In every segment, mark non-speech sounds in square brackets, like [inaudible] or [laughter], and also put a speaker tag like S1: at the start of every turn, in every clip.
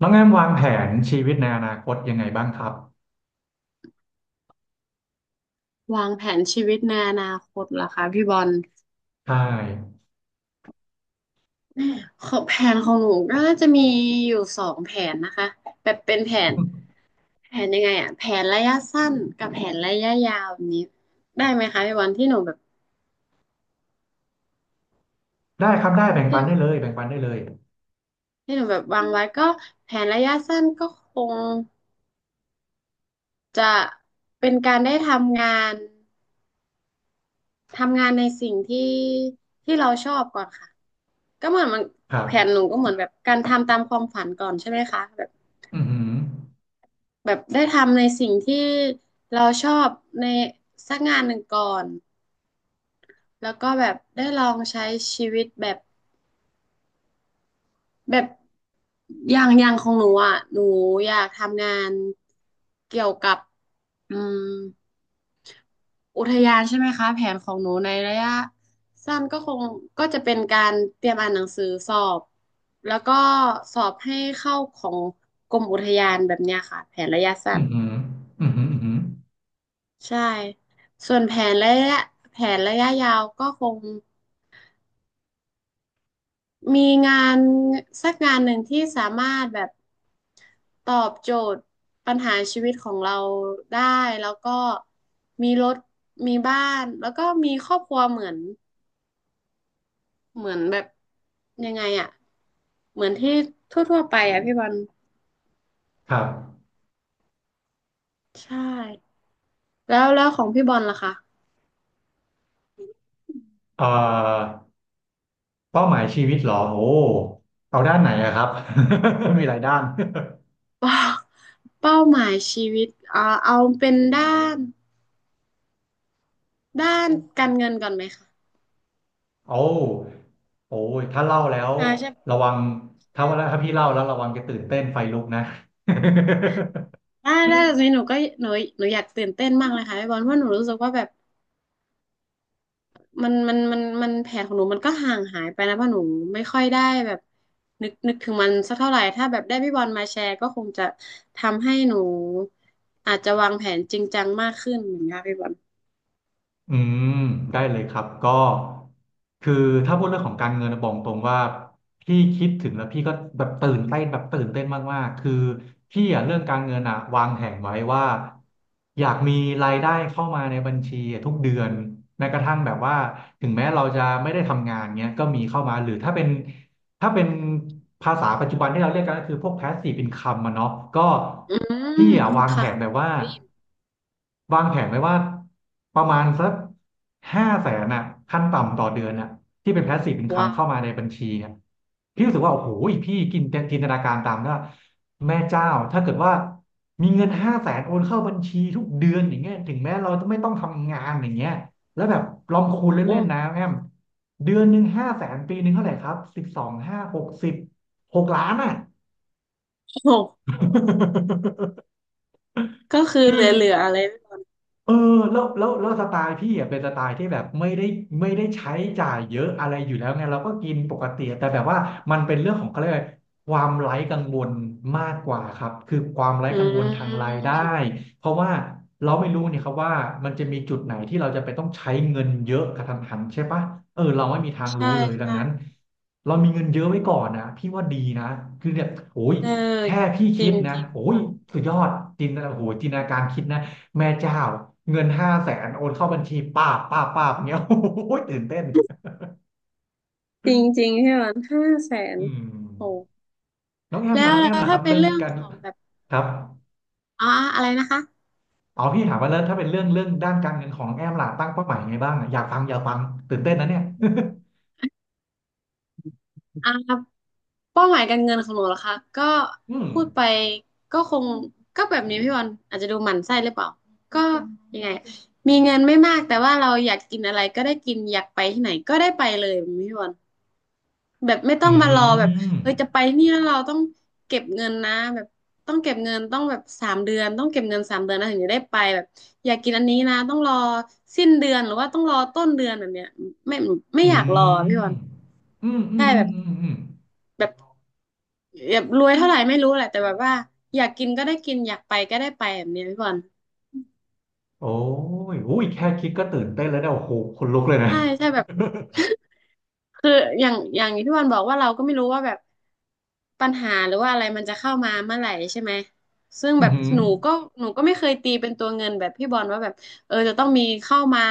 S1: น้องแอมวางแผนชีวิตในอนาคตยังไงบ้างครับ
S2: วางแผนชีวิตในอนาคตเหรอคะพี่บอล
S1: ใช่
S2: ของแผนของหนูก็น่าจะมีอยู่สองแผนนะคะแบบเป็นแผน
S1: อืม
S2: แผนยังไงอะแผนระยะสั้นกับแผนระยะยาวแบบนี้ได้ไหมคะพี่บอลที่หนูแบบ
S1: ได้ครับได้แบ่ง
S2: ที่
S1: ปัน
S2: หนู
S1: ได้เลยแบ่งปันได้เลย
S2: ที่หนูแบบวางไว้ก็แผนระยะสั้นก็คงจะเป็นการได้ทำงานทำงานในสิ่งที่ที่เราชอบก่อนค่ะก็เหมือนมัน
S1: ครับ
S2: แผนหนูก็เหมือนแบบการทำตามความฝันก่อนใช่ไหมคะแบบ
S1: อือหือ
S2: แบบได้ทำในสิ่งที่เราชอบในสักงานหนึ่งก่อนแล้วก็แบบได้ลองใช้ชีวิตแบบแบบอย่างของหนูอ่ะหนูอยากทำงานเกี่ยวกับอืมอุทยานใช่ไหมคะแผนของหนูในระยะสั้นก็คงก็จะเป็นการเตรียมอ่านหนังสือสอบแล้วก็สอบให้เข้าของกรมอุทยานแบบเนี้ยค่ะแผนระยะสั้
S1: อื
S2: น
S1: อหืออือหืออือหือ
S2: ใช่ส่วนแผนระยะยาวก็คงมีงานสักงานหนึ่งที่สามารถแบบตอบโจทย์ปัญหาชีวิตของเราได้แล้วก็มีรถมีบ้านแล้วก็มีครอบครัวเหมือนแบบยังไงอะเหมือนที่ทั่วๆไปอะพี่บอล
S1: ครับ
S2: ใช่แล้วของพี่บอลล่ะ [laughs] คะ
S1: เอ่อเป้าหมายชีวิตเหรอโอ้เอาด้านไหนอะครับ [laughs] มีหลายด้าน
S2: เป้าเป้าหมายชีวิตเอาเป็นนด้านการเงินก่อนไหมคะ
S1: โอ้โอ้ยถ้าเล่าแล้ว
S2: อ่าใช่
S1: ระวัง
S2: ใช่
S1: ถ้าพี่เล่าแล้วระวังจะตื่นเต้นไฟลุกนะ [laughs]
S2: ได้ได้แต่ทีนนี้หนูก็หนูหนูอยากตื่นเต้นมากเลยค่ะพี่บอลเพราะหนูรู้สึกว่าแบบมันแผนของหนูมันก็ห่างหายไปนะเพราะหนูไม่ค่อยได้แบบนึกนึกถึงมันสักเท่าไหร่ถ้าแบบได้พี่บอลมาแชร์ก็คงจะทำให้หนูอาจจะวางแผนจริงจังมากขึ้นเหมือนกันพี่บอล
S1: อืมได้เลยครับก็คือถ้าพูดเรื่องของการเงินนะบอกตรงว่าพี่คิดถึงแล้วพี่ก็แบบตื่นเต้นแบบตื่นเต้นมากๆคือพี่อะเรื่องการเงินอะวางแผนไว้ว่าอยากมีรายได้เข้ามาในบัญชีอะทุกเดือนแม้กระทั่งแบบว่าถึงแม้เราจะไม่ได้ทำงานเงี้ยก็มีเข้ามาหรือถ้าเป็นภาษาปัจจุบันที่เราเรียกกันก็คือพวก passive income อะเนาะก็
S2: อื
S1: พี่
S2: ม
S1: อะวางแผ
S2: ค่ะ
S1: นแบบว่า
S2: ได้ยิน
S1: วางแผนไว้ว่าประมาณสักห้าแสนอะขั้นต่ำต่อเดือนอะที่เป็น passive income
S2: ว้า
S1: เข้า
S2: ว
S1: มาในบัญชีอะพี่รู้สึกว่าโอ้โหพี่กินจินตนาการตามนะแม่เจ้าถ้าเกิดว่ามีเงินห้าแสนโอนเข้าบัญชีทุกเดือนอย่างเงี้ยถึงแม้เราจะไม่ต้องทำงานอย่างเงี้ย แล้วแบบลอง
S2: โอ้
S1: คูณ
S2: โห
S1: เล่นๆนะแอมเดือนหนึ่งห้าแสนปีหนึ่งเท่าไหร่ครับ12ห้า606,000,000อ่ะ [laughs]
S2: โอ้โหก็คือ
S1: คื
S2: เหล
S1: อ
S2: ือๆอะไร
S1: เออแล้วสไตล์พี่อ่ะเป็นสไตล์ที่แบบไม่ได้ใช้จ่ายเยอะอะไรอยู่แล้วไงเราก็กินปกติแต่แบบว่ามันเป็นเรื่องของเขาเรียกอะไรความไร้กังวลมากกว่าครับคือความไร้
S2: อื
S1: กังวลทางราย
S2: ม
S1: ได้เพราะว่าเราไม่รู้เนี่ยครับว่ามันจะมีจุดไหนที่เราจะไปต้องใช้เงินเยอะกระทันหันใช่ปะเออเราไม่มีทาง
S2: ใช่
S1: รู้เลยดัง
S2: ใช่
S1: นั้นเรามีเงินเยอะไว้ก่อนนะพี่ว่าดีนะคือเนี่ยโอ้ย
S2: เออ
S1: แค่พี่
S2: จ
S1: คิ
S2: ริ
S1: ด
S2: ง
S1: นะ
S2: จริง
S1: โอ้ยสุดยอดจินตนาโอ้โหจินตนาการคิดนะ แม่เจ้าเงิน500,000โอนเข้าบัญชีป้าบป้าบป้าบเงี้ย [laughs] โอ้โหตื่นเต้น
S2: จริงๆใช่ไหม500,000
S1: อืม
S2: โอ้
S1: น้องแอม
S2: แล้
S1: ล่ะ
S2: ว
S1: น้อง
S2: แล้
S1: แอม
S2: ว
S1: ล่ะค
S2: ถ้า
S1: รับ
S2: เป็น
S1: เรื่อง
S2: เรื่อง
S1: การ
S2: ของแบบ
S1: ครับ
S2: อ่าอะไรนะคะ
S1: อ๋อพี่ถามว่าแล้วถ้าเป็นเรื่องเรื่องด้านการเงินของน้องแอมล่ะตั้งเป้าหมายยังไงบ้างอะอยากฟังอยากฟังตื่นเต้นนะเนี่ย
S2: อ่าเป้าหมายการเงินของหนูเหรอคะก็
S1: [laughs] อืม
S2: พูดไปก็คงก็แบบนี้พี่วันอาจจะดูหมั่นไส้หรือเปล่าก็ยังไงมีเงินไม่มากแต่ว่าเราอยากกินอะไรก็ได้กินอยากไปที่ไหนก็ได้ไปเลยพี่วัน แบบไม่ต้อง
S1: อื
S2: มารอแบบ
S1: ม
S2: เอ้ยจะไปนี่แล้วเราต้องเก็บเงินนะแบบต้องเก็บเงินต้องแบบสามเดือนต้องเก็บเงินสามเดือนนะถึงจะได้ไปแบบอยากกินอันนี้นะต้องรอสิ้นเดือนหรือว่าต้องรอต้นเดือนแบบเนี้ยไม่ไม่อ
S1: อื
S2: ยากรอพี่บอล
S1: มอืมอื
S2: ใช่
S1: มอื
S2: แบ
S1: ม
S2: บ
S1: อืมอืม
S2: แบบแบบรวยเท่าไหร่ไม่รู้แหละแต่แบบว่าอยากกินก็ได้กินอยากไปก็ได้ไปแบบเนี้ยพี่บอล
S1: โอ้ยอุ้ยแค่คิดก็ตื่นเต้นแล้วเนี่ยโอ้โหขนลุกเลยนะ
S2: ใช่ใช่แบบ คืออย่างที่พี่บอลบอกว่าเราก็ไม่รู้ว่าแบบปัญหาหรือว่าอะไรมันจะเข้ามาเมื่อไหร่ใช่ไหมซึ่ง
S1: อื
S2: แบ
S1: อ
S2: บ
S1: หือ
S2: หนูก็ไม่เคยตีเป็นตัวเงินแบบพี่บอลว่าแบบเออจะต้องมีเข้ามา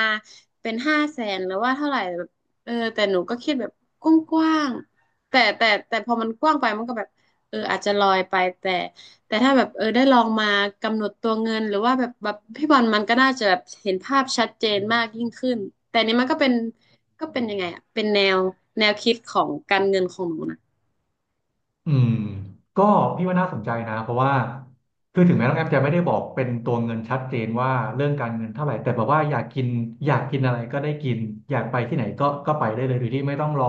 S2: เป็นห้าแสนหรือว่าเท่าไหร่แบบเออแต่หนูก็คิดแบบกว้างๆแต่พอมันกว้างไปมันก็แบบเอออาจจะลอยไปแต่แต่ถ้าแบบเออได้ลองมากำหนดตัวเงินหรือว่าแบบแบบพี่บอลมันก็น่าจะแบบเห็นภาพชัดเจนมากยิ่งขึ้นแต่อันนี้มันก็เป็น ก็เป็นยังไงอ่ะเป็นแนวคิดของการเงินของหนูนะ
S1: อืมก็พี่ว่าน่าสนใจนะเพราะว่าคือถึงแม้น้องแอมจะไม่ได้บอกเป็นตัวเงินชัดเจนว่าเรื่องการเงินเท่าไหร่แต่แบบว่าอยากกินอะไรก็ได้กินอยากไปที่ไหนก็ไปได้เลยโดยที่ไม่ต้องรอ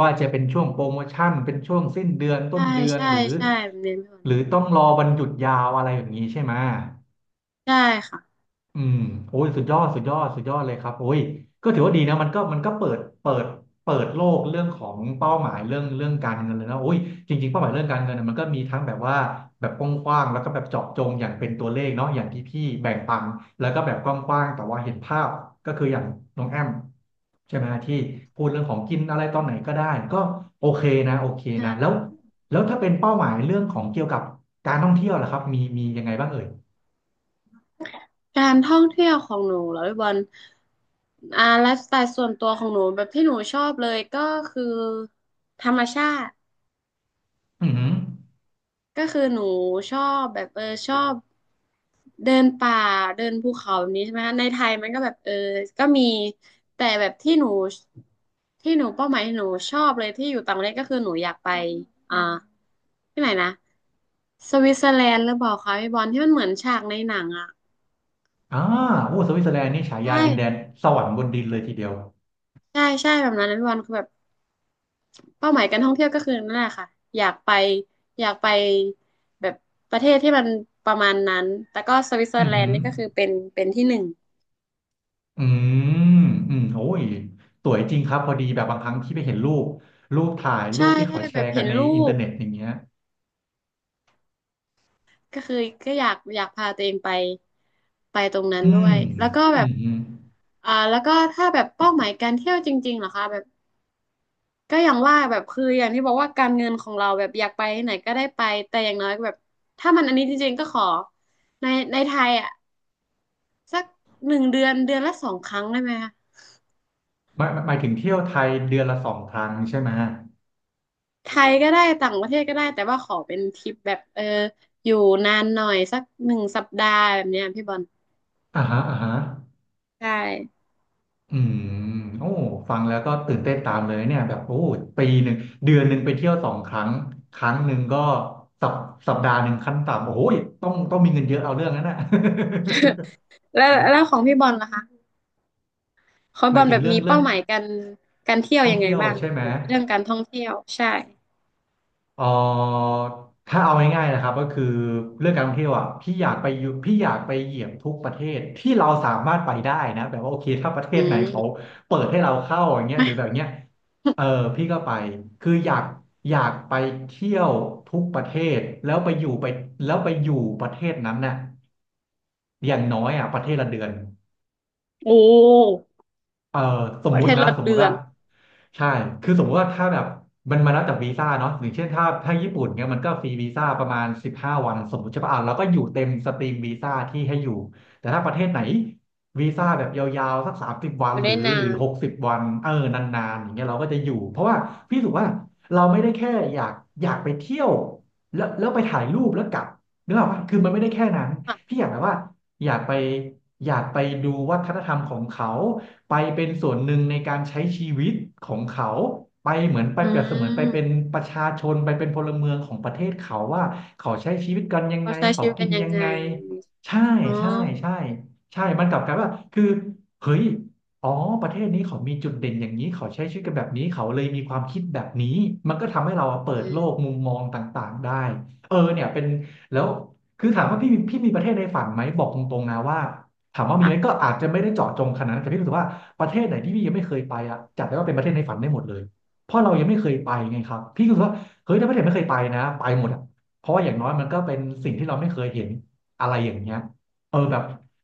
S1: ว่าจะเป็นช่วงโปรโมชั่นเป็นช่วงสิ้นเดือนต้
S2: ใช่
S1: นเดือน
S2: ใช่ใช่เน้นพี่บอ
S1: หรือ
S2: ล
S1: ต้องรอวันหยุดยาวอะไรแบบนี้ใช่ไหม
S2: ใช่ค่ะ
S1: อืมโอ้ยสุดยอดสุดยอดสุดยอดเลยครับโอ้ยก็ถือว่าดีนะมันก็มันก็เปิดเปิดโลกเรื่องของเป้าหมายเรื่องเรื่องการเงินเลยนะโอ้ยจริงๆเป้าหมายเรื่องการเงินน่ะมันก็มีทั้งแบบว่าแบบกว้างๆแล้วก็แบบเจาะจงอย่างเป็นตัวเลขเนาะอย่างที่พี่แบ่งปันแล้วก็แบบกว้างๆแต่ว่าเห็นภาพก็คืออย่างน้องแอมใช่ไหมที่พูดเรื่องของกินอะไรตอนไหนก็ได้ก็โอเคนะโอเค
S2: ใช
S1: นะแล้ว
S2: ่
S1: แล้วถ้าเป็นเป้าหมายเรื่องของเกี่ยวกับการท่องเที่ยวล่ะครับมีมียังไงบ้างเอ่ย
S2: การท่องเที่ยวของหนูเหรอพี่บอลไลฟ์สไตล์ส่วนตัวของหนูแบบที่หนูชอบเลยก็คือธรรมชาติ
S1: อือหือ
S2: ก็คือหนูชอบแบบเออชอบเดินป่าเดินภูเขาแบบนี้ใช่ไหมคะในไทยมันก็แบบเออก็มีแต่แบบที่หนูเป้าหมายที่หนูชอบเลยที่อยู่ต่างประเทศก็คือหนูอยากไปอ่าที่ไหนนะสวิตเซอร์แลนด์หรือเปล่าคะพี่บอลที่มันเหมือนฉากในหนังอ่ะ
S1: อ่าโอ้สวิตเซอร์แลนด์นี่ฉา
S2: ใ
S1: ยาดินแดน
S2: ช่
S1: สวรรค์บนดินเลยทีเดียว
S2: ใช่ใช่แบบนั้นนะพี่บอลคือแบบเป้าหมายการท่องเที่ยวก็คือนั่นแหละค่ะอยากไปอยากไปแบบประเทศที่มันประมาณนั้นแต่ก็สวิตเซอ
S1: อื
S2: ร์
S1: มอ
S2: แล
S1: หื
S2: น
S1: อ
S2: ด์นี่ก็คือเป็นที่หนึ่ง
S1: อืมอืมโอ้ยสวยจริงครับพอดีแบบบางครั้งที่ไปเห็นรูป รูปถ่ายรู
S2: ใช่
S1: ปที่
S2: ใช่
S1: เขาแช
S2: แบบ
S1: ร์กั
S2: เห็
S1: น
S2: น
S1: ใน
S2: รู
S1: อินเทอ
S2: ป
S1: ร์เน็ตอย่างเงี้ย
S2: ก็คือก็อยากพาตัวเองไปไปตรงนั้น
S1: อื
S2: ด้
S1: ม
S2: วยแล้วก็แบ
S1: อื
S2: บ
S1: มอืม
S2: แล้วก็ถ้าแบบเป้าหมายการเที่ยวจริงๆเหรอคะแบบก็อย่างว่าแบบคืออย่างที่บอกว่าการเงินของเราแบบอยากไปที่ไหนก็ได้ไปแต่อย่างน้อยแบบถ้ามันอันนี้จริงๆก็ขอในในไทยอ่ะสัก1 เดือนเดือนละสองครั้งได้ไหมคะ
S1: หมายหมายถึงเที่ยวไทยเดือนละสองครั้งใช่ไหม
S2: ไทยก็ได้ต่างประเทศก็ได้แต่ว่าขอเป็นทริปแบบเอออยู่นานหน่อยสัก1 สัปดาห์แบบเนี้ยพี่บอล
S1: อ่าฮะอ่าฮะ
S2: ใช่
S1: อืมโอ้ฟังแล้วก็ตื่นเต้นตามเลยเนี่ยแบบโอ้ปีหนึ่งเดือนหนึ่งไปเที่ยวสองครั้งครั้งหนึ่งก็สัปสัปดาห์หนึ่งขั้นต่ำโอ้โหต้องต้องมีเงินเยอะเอาเรื่องนั้นน่ะ
S2: แล้วของพี่บอลล่ะคะขอ
S1: [laughs]
S2: ง
S1: ห
S2: บ
S1: มา
S2: อ
S1: ย
S2: ล
S1: ถึ
S2: แบ
S1: ง
S2: บ
S1: เรื่อ
S2: มี
S1: งเรื่อ
S2: เป้า
S1: ง
S2: หมายการเที่ยว
S1: ท่อง
S2: ยังไง
S1: เที่ยว
S2: บ้าง
S1: ใช่
S2: คะ
S1: ไหม
S2: แบบเรื่องการท่องเที่ยวใช่
S1: เอ่อถ้าเอาง่ายๆนะครับก็คือเรื่องการท่องเที่ยวอ่ะพี่อยากไปอยู่พี่อยากไปเหยียบทุกประเทศที่เราสามารถไปได้นะแบบว่าโอเคถ้าประเท
S2: อื
S1: ศไหนเขา
S2: ม
S1: เปิดให้เราเข้าอย่างเงี้ย
S2: มา
S1: หรือแบบเนี้ยเออพี่ก็ไปคืออยากไปเที่ยวทุกประเทศแล้วไปอยู่ไปแล้วไปอยู่ประเทศนั้นน่ะอย่างน้อยอ่ะประเทศละเดือน
S2: โอ้
S1: เอ่อส
S2: ป
S1: ม
S2: ระ
S1: มุ
S2: เท
S1: ติ
S2: ศ
S1: นะ
S2: ละ
S1: สมมุ
S2: เดื
S1: ติ
S2: อ
S1: ว่า
S2: น
S1: ใช่คือสมมุติว่าถ้าแบบมันมาแล้วจากวีซ่าเนาะอย่างเช่นถ้าญี่ปุ่นเนี่ยมันก็ฟรีวีซ่าประมาณ15 วันสมมติใช่ป่ะอ่ะแล้วก็อยู่เต็มสตรีมวีซ่าที่ให้อยู่แต่ถ้าประเทศไหนวีซ่าแบบยาวๆสักสามสิบวั
S2: อ
S1: น
S2: ยู่
S1: หรื
S2: ได้
S1: อ
S2: นา
S1: หรือ
S2: น
S1: 60 วันเออนานๆอย่างเงี้ยเราก็จะอยู่เพราะว่าพี่รู้สึกว่าเราไม่ได้แค่อยากไปเที่ยวแล้วไปถ่ายรูปแล้วกลับนึกออกปะคือมันไม่ได้แค่นั้น
S2: ค่ะ
S1: พี่อยากแบบว่าอยากไปอยากไปดูวัฒนธรรมของเขา ไปเป็นส่วนหนึ่งในการใช้ชีวิตของเขาไปเหมือนไป
S2: อื
S1: เปรียบเสมือนไปเป็น
S2: ม
S1: ประชาชนไปเป็นพลเมืองของประเทศเขาว่าเขาใช้ชีวิตกันยังไง
S2: เขาใช้
S1: เขา
S2: ชีวิต
S1: กิ
S2: กัน
S1: น
S2: ยั
S1: ยั
S2: ง
S1: ง
S2: ไ
S1: ไง
S2: ง
S1: ใช่
S2: อ๋อ
S1: ใช่ใช่ใช่มันกลับกลายว่าคือเฮ้ยอ๋อประเทศนี้เขามีจุดเด่นอย่างนี้เขาใช้ชีวิตกันแบบนี้เขาเลยมีความคิดแบบนี้มันก็ทำให้เราเปิ
S2: อื
S1: ดโลกมุ
S2: ม
S1: มมองต่างๆได้เออเนี่ยเป็นแล้วคือถามว่าพี่มีประเทศในฝันไหมบอกตรงๆนะว่าถามว่ามี
S2: ค่ะ
S1: ไหมก็อาจจะไม่ได้เจาะจงขนาดนั้นแต่พี่รู้สึกว่า ประเทศไหนที่พี่ยังไม่เคยไปอ่ะจัดได้ว่าเป็นประเทศในฝันได้หมดเลยเพราะเรายังไม่เคยไปไงครับพี่ก็รู้สึกว่าเฮ้ยถ้าประเทศไม่เคยไปนะไปหมดอ่ะเพราะว่าอย่างน้อยมันก็เป็นสิ่งที่เราไม่เคยเห็นอะไรอย่างเงี้ยเออแบบ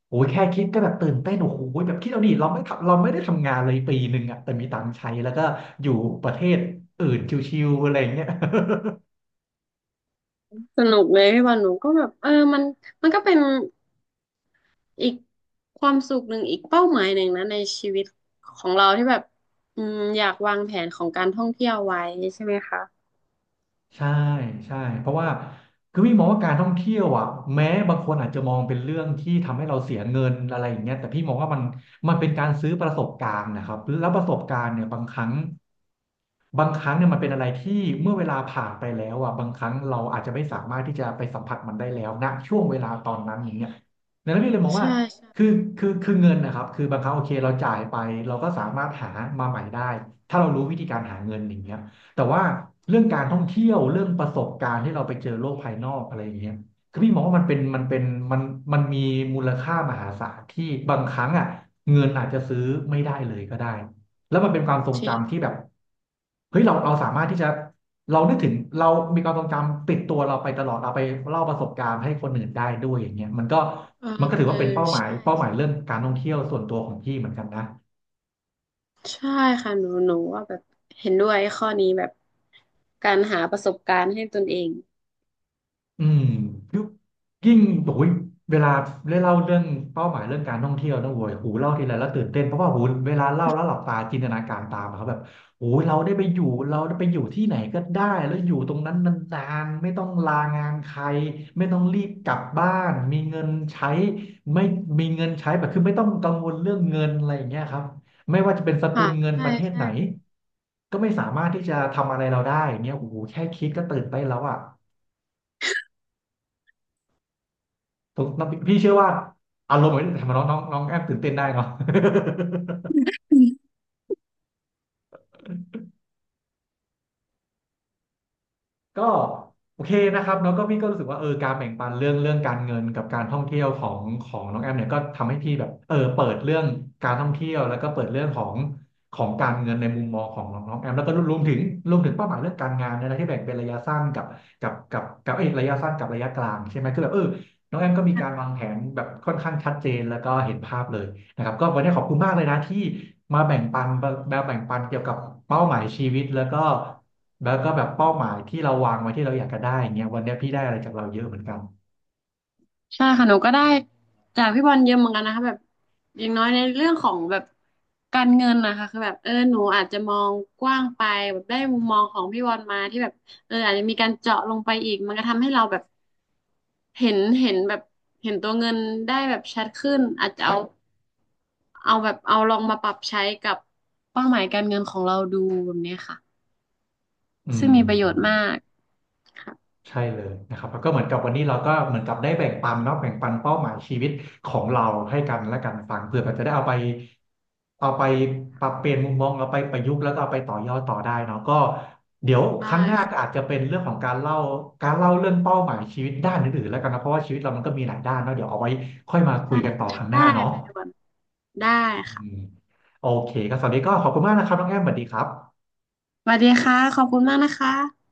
S1: โอ้ยแค่คิดก็แบบตื่นเต้นโอ้โหแบบคิดเอาดิเราไม่ทำเราไม่ได้ทำงานเลยปีหนึ่งอ่ะแต่มีตังค์ใช้แล้วก็อยู่ประเทศอื่นชิวๆอะไรอย่างเงี้ย
S2: สนุกเลยพี่บอลหนูก็แบบเออมันมันก็เป็นอีกความสุขหนึ่งอีกเป้าหมายหนึ่งนะในชีวิตของเราที่แบบอยากวางแผนของการท่องเที่ยวไว้ใช่ไหมคะ
S1: ใช่ใช่เพราะว่าคือพี่มองว่าการท่องเที่ยวอ่ะแม้บางคนอาจจะมองเป็นเรื่องที่ทำให้เราเสียเงินอะไรอย่างเงี้ยแต่พี่มองว่ามันเป็นการซื้อประสบการณ์นะครับแล้วประสบการณ์เนี่ยบางครั้ง บางครั้งเนี่ยมันเป็นอะไรที่เมื่อเวลาผ่านไปแล้วอ่ะบางครั้งเราอาจจะไม่สามารถที่จะไปสัมผัสมันได้แล้วณช่วงเวลาตอนนั้นอย่างเงี้ยดังนั้นพี่เลยมอง
S2: ใช่
S1: ว่าคือคือเงินนะครับคือบางครั้งโอเคเราจ่ายไปเราก็สามารถหามาใหม่ได้ถ้าเรารู้วิธีการหาเงินอย่างเงี้ยแต่ว่าเรื่องการท่องเที่ยวเรื่องประสบการณ์ที่เราไปเจอโลกภายนอกอะไรอย่างเงี้ยคือพี่มองว่ามันเป็นมันมีมูลค่ามหาศาลที่บางครั้งอ่ะเงินอาจจะซื้อไม่ได้เลยก็ได้ แล้วมันเป็นความทรงจำที่
S2: ใช่
S1: แบบเฮ้ยเราสามารถที่จะเรานึกถึงเรามีความทรงจำติดตัวเราไปตลอดเอาไปเล่าประสบการณ์ให้คนอื่นได้ด้วยอย่างเงี้ยมันก็
S2: เออ
S1: ถือ
S2: เออ
S1: ว่าเป็นเป้าหมาย
S2: ใช่ใช่
S1: เรื่องการท่องเที่ยวส่วนตัวของพี่เหมือนกันนะ
S2: ใช่ค่ะหนูว่าแบบเห็นด้วยข้อนี้แบบการหาประสบการณ์ให้ตนเอง
S1: อืมยุคยิ่งโอ้ยเวลาได้เล่าเรื่องเป้าหมายเรื่องการท่องเที่ยวนะโว้ยหูเล่าทีไรแล้วตื่นเต้นเพราะว่าหูเวลาเล่าแล้วหลับตาจินตนาการตามอะครับแบบโอ้ยเราได้ไปอยู่ที่ไหนก็ได้แล้วอยู่ตรงนั้นนานๆไม่ต้องลางานใครไม่ต้องรีบกลับบ้านมีเงินใช้ไม่มีเงินใช้แบบคือไม่ต้องกังวลเรื่องเงินอะไรอย่างเงี้ยครับไม่ว่าจะเป็นสกุ
S2: ค่ะ
S1: ลเงิน
S2: ใช่
S1: ประเทศ
S2: ใช่
S1: ไหนก็ไม่สามารถที่จะทำอะไรเราได้อย่างเงี้ยโอ้โหแค่คิดก็ตื่นเต้นแล้วอ่ะ ผมพี่เชื่อว่าอารมณ์เหมือนทำให้น้องน้องน้องแอมตื่นเต้นได้เนาะ [laughs] ก็โอเคนะครับแล้วก็พี่ก็รู้สึกว่าเออการแบ่งปันเรื่องการเงินกับการท่องเที่ยวของน้องแอมเนี่ยก็ทำให้พี่แบบเออเปิดเรื่องการท่องเที่ยวแล้วก็เปิดเรื่องของของการเงินในมุมมองของน้องน้องแอมแล้วก็รวมถึงเป้าหมายเรื่องการงานเนยนะที่แบ่งเป็นระยะสั้นกับเอยระยะสั้นกับระยะกลางใช่ไหมคือแบบเออน้องแอมก็มีการวางแผนแบบค่อนข้างชัดเจนแล้วก็เห็นภาพเลย นะครับก็วันนี้ขอบคุณมากเลยนะที่มาแบ่งปันเกี่ยวกับเป้าหมายชีวิตแล้วก็แบบเป้าหมายที่เราวางไว้ที่เราอยากจะได้อย่างเงี้ยวันนี้พี่ได้อะไรจากเราเยอะเหมือนกัน
S2: ใช่ค่ะหนูก็ได้จากพี่บอลเยอะเหมือนกันนะคะแบบอย่างน้อยในเรื่องของแบบการเงินนะคะคือแบบเออหนูอาจจะมองกว้างไปแบบได้มุมมองของพี่บอลมาที่แบบเอออาจจะมีการเจาะลงไปอีกมันก็ทำให้เราแบบเห็นแบบเห็นตัวเงินได้แบบชัดขึ้นอาจจะเอา เอาแบบเอาลองมาปรับใช้กับเป้าหมายการเงินของเราดูแบบเนี้ยค่ะ
S1: อื
S2: ซึ่ง
S1: ม
S2: มีประโยชน์มากค่ะ
S1: ใช่เลยนะครับแล้วก็เหมือนกับวันนี้เราก็เหมือนกับได้แบ่งปันเนาะแบ่งปันเป้าหมายชีวิตของเราให้กันและกันฟังเพื่อมันจะได้เอาไปเอาไปปรับเปลี่ยนมุมมองเอาไปประยุกต์แล้วก็เอาไปต่อยอดต่อได้เนาะก็เดี๋ยวค
S2: ได้
S1: รั้งหน้าก็อา
S2: ค่ะ
S1: จจะเป็นเรื่องของการเล่าเรื่องเป้าหมายชีวิตด้านอื่นๆแล้วกันนะเพราะว่าชีวิตเรามันก็มีหลายด้านเนาะเดี๋ยวเอาไว้ค่อยมาคุย
S2: ได้
S1: กันต่อครั้งห
S2: ได้
S1: น้าเนาะ
S2: ค่ะทุกคนได้ค่ะ
S1: อืมโอเคก็สวัสดีก็ขอบคุณมากนะครับน้องแอมสวัสดีครับ
S2: สวัสดีค่ะขอบคุณมากนะคะ